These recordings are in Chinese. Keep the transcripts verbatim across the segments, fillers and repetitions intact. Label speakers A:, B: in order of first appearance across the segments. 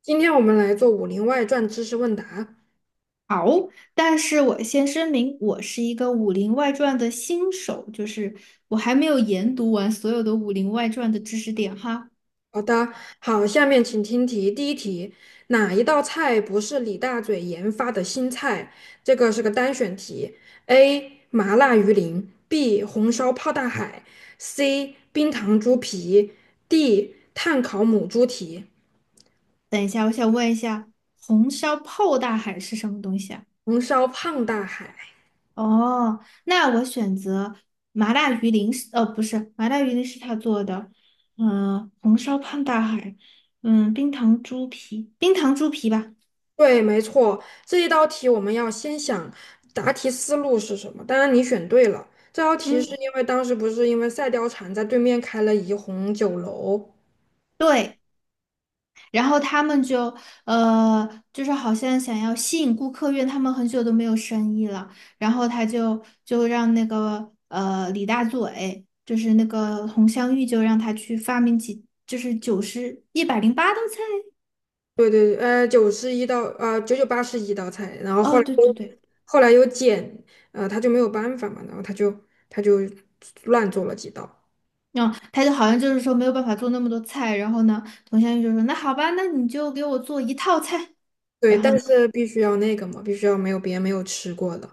A: 今天我们来做《武林外传》知识问答。
B: 好，但是我先声明，我是一个《武林外传》的新手，就是我还没有研读完所有的《武林外传》的知识点哈。
A: 好的，好，下面请听题。第一题，哪一道菜不是李大嘴研发的新菜？这个是个单选题。A. 麻辣鱼鳞，B. 红烧泡大海，C. 冰糖猪皮，D. 炭烤母猪蹄，
B: 等红烧泡大海是什么东西啊？
A: 红烧胖大海。
B: 哦，那我选择麻辣鱼鳞是呃，不是，麻辣鱼鳞是他做的，嗯、红烧胖大海，嗯，冰糖猪皮，冰糖猪皮吧，
A: 对，没错，这一道题我们要先想答题思路是什么。当然你选对了，这道题
B: 嗯，
A: 是因为当时不是因为赛貂蝉在对面开了怡红酒楼，
B: 对。然后他们就呃，就是好像想要吸引顾客，因为他们很久都没有生意了。然后他就就让那个呃李大嘴，就是那个佟湘玉，就让他去发明几，就是九十一百零八道菜。
A: 对对，呃，九十一道，呃，九九八十一道菜，然后后
B: 哦，
A: 来
B: 对对
A: 又
B: 对，
A: 后来又减，呃，他就没有办法嘛，然后他就他就乱做了几道。
B: 嗯，他就好像就是说没有办法做那么多菜。然后呢，佟湘玉就说：“那好吧，那你就给我做一套菜。”
A: 对，
B: 然后
A: 但
B: 呢，
A: 是必须要那个嘛，必须要没有别人没有吃过的。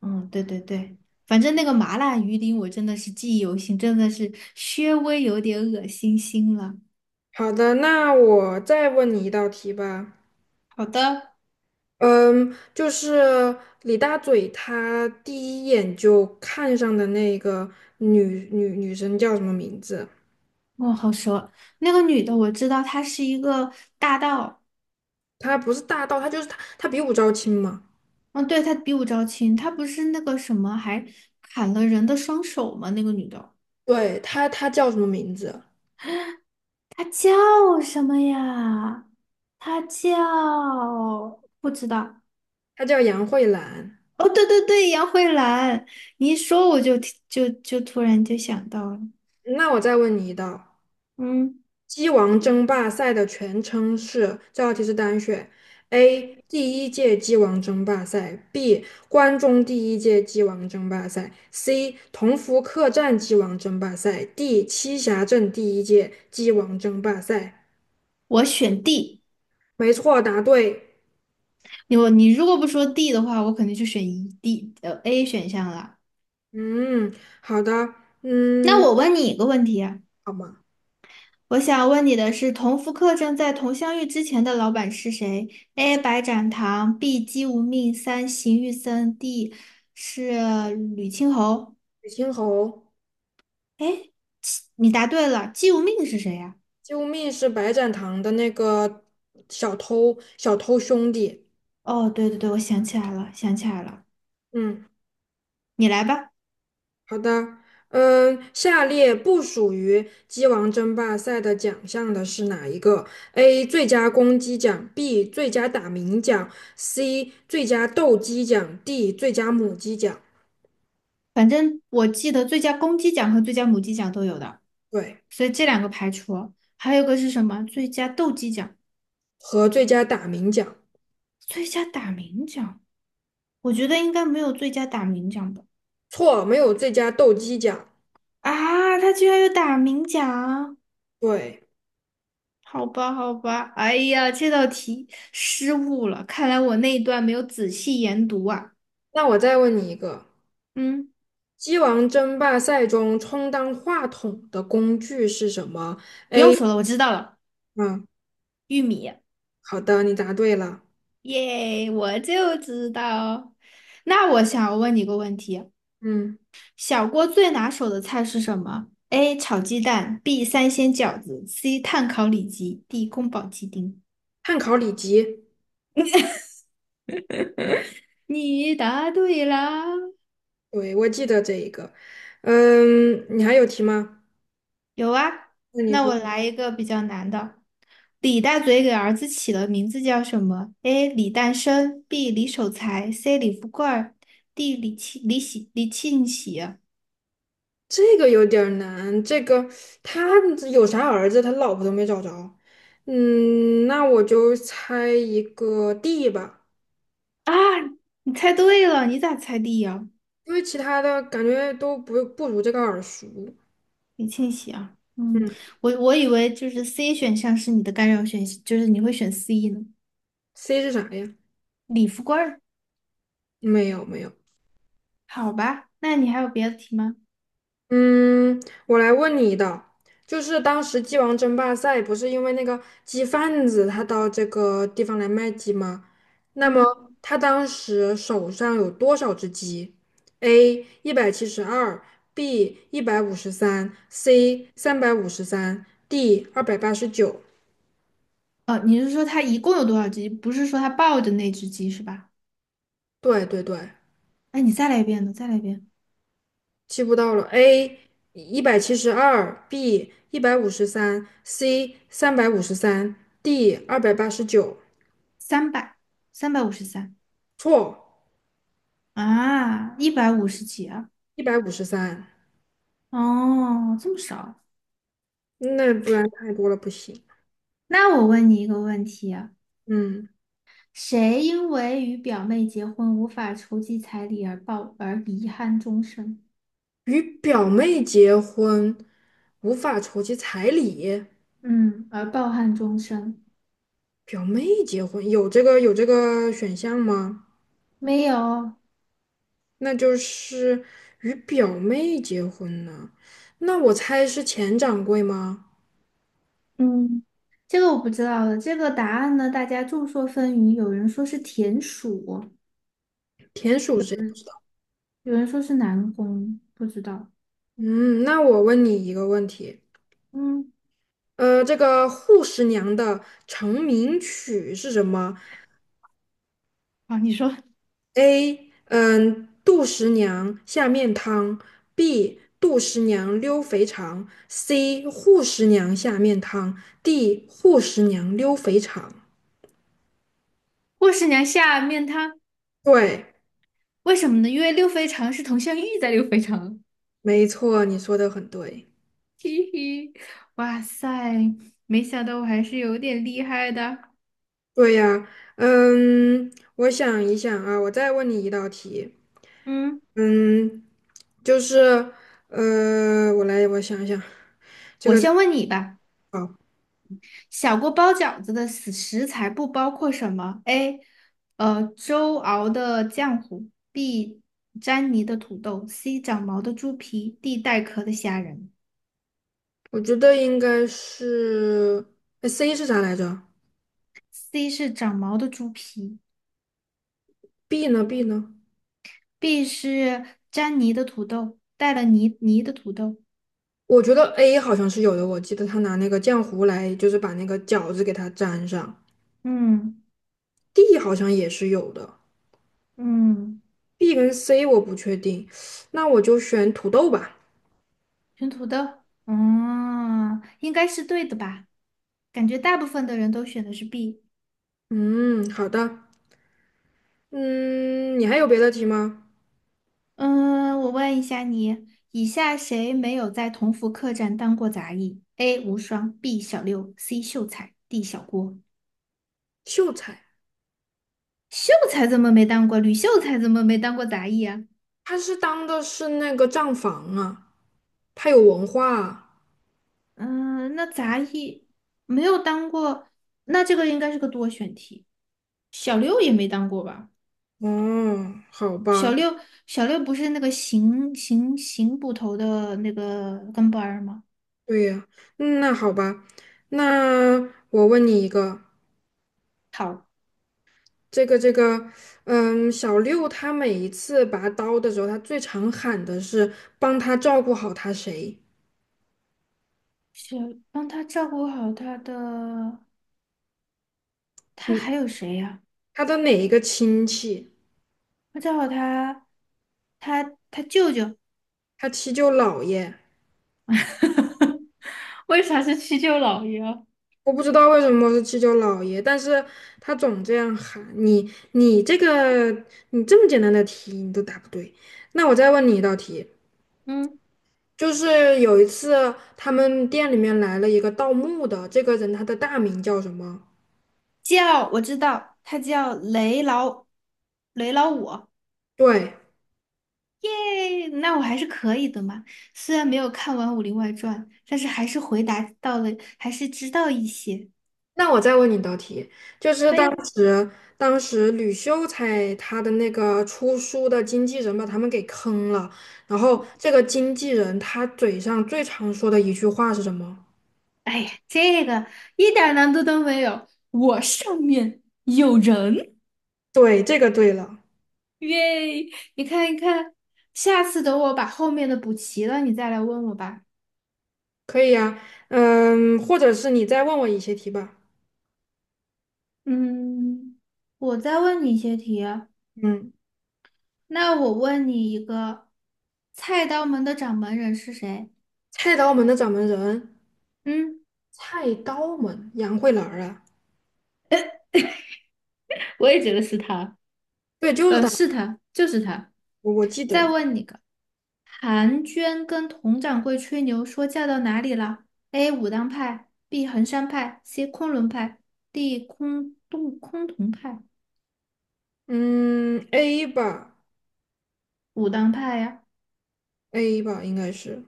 B: 嗯，对对对。反正那个麻辣鱼丁我真的是记忆犹新，真的是稍微有点恶心心了。
A: 好的，那我再问你一道题吧。
B: 好的，
A: 嗯，就是李大嘴他第一眼就看上的那个女女女生叫什么名字？
B: 哦，好熟。那个女的我知道，她是一个大盗。
A: 她不是大盗，她就是她，她比武招亲嘛。
B: 嗯，对，她比武招亲，她不是那个什么，还砍了人的双手吗？那个女的，
A: 对，她她叫什么名字？
B: 她叫什么呀？她叫不知道。
A: 她叫杨慧兰。
B: 哦，对对对，杨慧兰。你一说我就提就就突然就想到了。
A: 那我再问你一道。
B: 嗯，
A: 鸡王争霸赛的全称是，这道题是单选：A. 第一届鸡王争霸赛；B. 关中第一届鸡王争霸赛；C. 同福客栈鸡王争霸赛；D. 栖霞镇第一届鸡王争霸赛。
B: 我选 D。
A: 没错，答对。
B: 你我你如果不说 D 的话，我肯定就选一 D 呃 A 选项了。
A: 嗯，好的，
B: 那
A: 嗯，
B: 我问你一个问题啊。
A: 好嘛。
B: 我想问你的是，同福客栈在同乡遇之前的老板是谁？A. 白展堂，B. 姬无命，三邢玉森，D. 是吕青侯。
A: 水青侯，
B: 哎，你答对了，姬无命是谁呀？
A: 救命是白展堂的那个小偷，小偷兄弟。
B: 哦，对对对，我想起来了，想起来了，
A: 嗯。
B: 你来吧。
A: 好的，嗯，下列不属于鸡王争霸赛的奖项的是哪一个？A. 最佳公鸡奖，B. 最佳打鸣奖，C. 最佳斗鸡奖，D. 最佳母鸡奖。
B: 反正我记得最佳公鸡奖和最佳母鸡奖都有的，
A: 对，
B: 所以这两个排除。还有一个是什么？最佳斗鸡奖、
A: 和最佳打鸣奖。
B: 最佳打鸣奖，我觉得应该没有最佳打鸣奖吧。
A: 错，没有最佳斗鸡奖。
B: 啊，他居然有打鸣奖！
A: 对，
B: 好吧，好吧，哎呀，这道题失误了，看来我那一段没有仔细研读啊。
A: 那我再问你一个，
B: 嗯，
A: 鸡王争霸赛中充当话筒的工具是什么？
B: 不用说了，我知道了，
A: 嗯，
B: 玉米，
A: 好的，你答对了。
B: 耶，我就知道。那我想问你个问题：
A: 嗯，
B: 小郭最拿手的菜是什么？A. 炒鸡蛋，B. 三鲜饺子，C. 炭烤里脊，D. 宫保鸡丁。
A: 汉考里脊。
B: 你答对啦！
A: 对，我记得这一个。嗯，你还有题吗？
B: 有啊，
A: 那你
B: 那
A: 说
B: 我来一个比较难的。李大嘴给儿子起了名字叫什么？A. 李诞生，B. 李守财，C. 李富贵儿，D. 李庆李喜李庆喜啊。
A: 这个有点儿难，这个他有啥儿子，他老婆都没找着。嗯，那我就猜一个 D 吧，
B: 啊，你猜对了，你咋猜 D 呀？
A: 因为其他的感觉都不不如这个耳熟。
B: 李庆喜啊，嗯，
A: 嗯
B: 我我以为就是 C 选项是你的干扰选项，就是你会选 C 呢。
A: ，C 是啥呀？
B: 李富贵儿，
A: 没有没有。
B: 好吧，那你还有别的题吗？
A: 嗯，我来问你的，就是当时鸡王争霸赛不是因为那个鸡贩子他到这个地方来卖鸡吗？那么
B: 嗯，
A: 他当时手上有多少只鸡？A 一百七十二，B 一百五十三，C 三百五十三，D 二百八十九。
B: 哦，你是说他一共有多少只鸡？不是说他抱的那只鸡是吧？
A: 对对对，
B: 哎，你再来一遍呢，再来一遍，
A: 记不到了，A 一百七十二，B 一百五十三，C 三百五十三，D 二百八十九。
B: 三百，三百五十三。
A: 错。
B: 啊，一百五十几啊？
A: 一百五十三，
B: 哦，这么少啊。
A: 那不然太多了不行。
B: 那我问你一个问题啊，
A: 嗯，
B: 谁因为与表妹结婚无法筹集彩礼而抱而遗憾终生？
A: 与表妹结婚无法筹集彩礼，
B: 嗯，而抱憾终生？
A: 表妹结婚有这个有这个选项吗？
B: 没有，
A: 那就是与表妹结婚呢，那我猜是钱掌柜吗？
B: 嗯，这个我不知道了。这个答案呢，大家众说纷纭，有人说是田鼠，
A: 田鼠是谁？
B: 嗯，有人说是南宫，不知道。
A: 嗯，那我问你一个问题，
B: 嗯，
A: 呃，这个《护十娘》的成名曲是什么？
B: 啊，你说，
A: A，嗯，杜十娘下面汤；B，杜十娘溜肥肠；C，扈十娘下面汤；D，扈十娘溜肥肠。
B: 霍十娘下面她
A: 对，
B: 为什么呢？因为六非常是佟湘玉在六非常。
A: 没错，你说的很对。
B: 嘿嘿，哇塞，没想到我还是有点厉害的。
A: 对呀，嗯，我想一想啊，我再问你一道题，
B: 嗯，
A: 嗯，就是，呃，我来，我想一想，
B: 我先问你吧，
A: 好，
B: 小锅包饺子的食食材不包括什么？A，呃，粥熬的浆糊；B，沾泥的土豆；C，长毛的猪皮；D，带壳的虾仁。
A: 我觉得应该是，哎，C 是啥来着
B: C 是长毛的猪皮
A: ？B 呢？B 呢？
B: ，B 是粘泥的土豆，带了泥泥的土豆。
A: 我觉得 A 好像是有的，我记得他拿那个浆糊来，就是把那个饺子给它粘上。
B: 嗯
A: D 好像也是有的
B: 嗯。
A: ，B 跟 C 我不确定，那我就选土豆吧。
B: 选土豆，嗯，应该是对的吧？感觉大部分的人都选的是 B。
A: 嗯，好的。嗯，你还有别的题吗？
B: 嗯，我问一下你，以下谁没有在同福客栈当过杂役？A. 无双，B. 小六，C. 秀才，D. 小郭。
A: 秀才，
B: 秀才怎么没当过？吕秀才怎么没当过杂役啊？
A: 他是当的是那个账房啊，他有文化啊。
B: 嗯，那杂役没有当过，那这个应该是个多选题。小六也没当过吧？
A: 哦，好吧，
B: 小六，小六不是那个邢邢邢捕头的那个跟班儿吗？
A: 对呀，嗯那好吧，那我问你一个。
B: 好，
A: 这个这个，嗯，小六他每一次拔刀的时候，他最常喊的是帮他照顾好他谁，
B: 小帮他照顾好他的，他还
A: 嗯，
B: 有谁呀？
A: 他的哪一个亲戚，
B: 他照顾他，他他舅舅，
A: 他七舅姥爷，
B: 为啥是七舅姥爷啊？
A: 我不知道为什么是七舅姥爷，但是他总这样喊你，你这个你这么简单的题你都答不对，那我再问你一道题，
B: 嗯，
A: 就是有一次他们店里面来了一个盗墓的，这个人他的大名叫什么？
B: 叫我知道，他叫雷老雷老五，
A: 对。
B: 耶，那我还是可以的嘛。虽然没有看完《武林外传》，但是还是回答到了，还是知道一些。
A: 那我再问你一道题，就是
B: 可以
A: 当
B: 啊
A: 时当时吕秀才他的那个出书的经纪人把他们给坑了，然后这个经纪人他嘴上最常说的一句话是什么？
B: 哎呀，这个一点儿难度都没有，我上面有人，
A: 对，这个对了，
B: 耶！你看一看，下次等我把后面的补齐了，你再来问我吧。
A: 可以呀，嗯，或者是你再问我一些题吧。
B: 嗯，我再问你一些题啊
A: 嗯，
B: 那我问你一个，菜刀门的掌门人是谁？
A: 菜刀门的掌门人，
B: 嗯，
A: 菜刀门杨慧兰儿啊，
B: 我也觉得是他。
A: 对，就是
B: 呃，
A: 他，
B: 是他，就是他。
A: 我我记
B: 再
A: 得，
B: 问你个，韩娟跟佟掌柜吹牛说嫁到哪里了？A. 武当派，B. 衡山派，C. 昆仑派，D. 空洞崆峒派。
A: 嗯，A 吧
B: 武当派呀？
A: ，A 吧，应该是，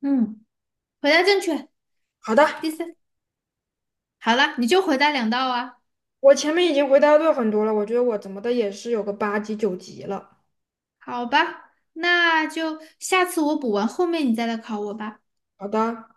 B: 嗯，回答正确，
A: 好的。
B: 第三。好了，你就回答两道啊，
A: 我前面已经回答对很多了，我觉得我怎么的也是有个八级九级了。
B: 好吧，那就下次我补完，后面你再来考我吧。
A: 好的。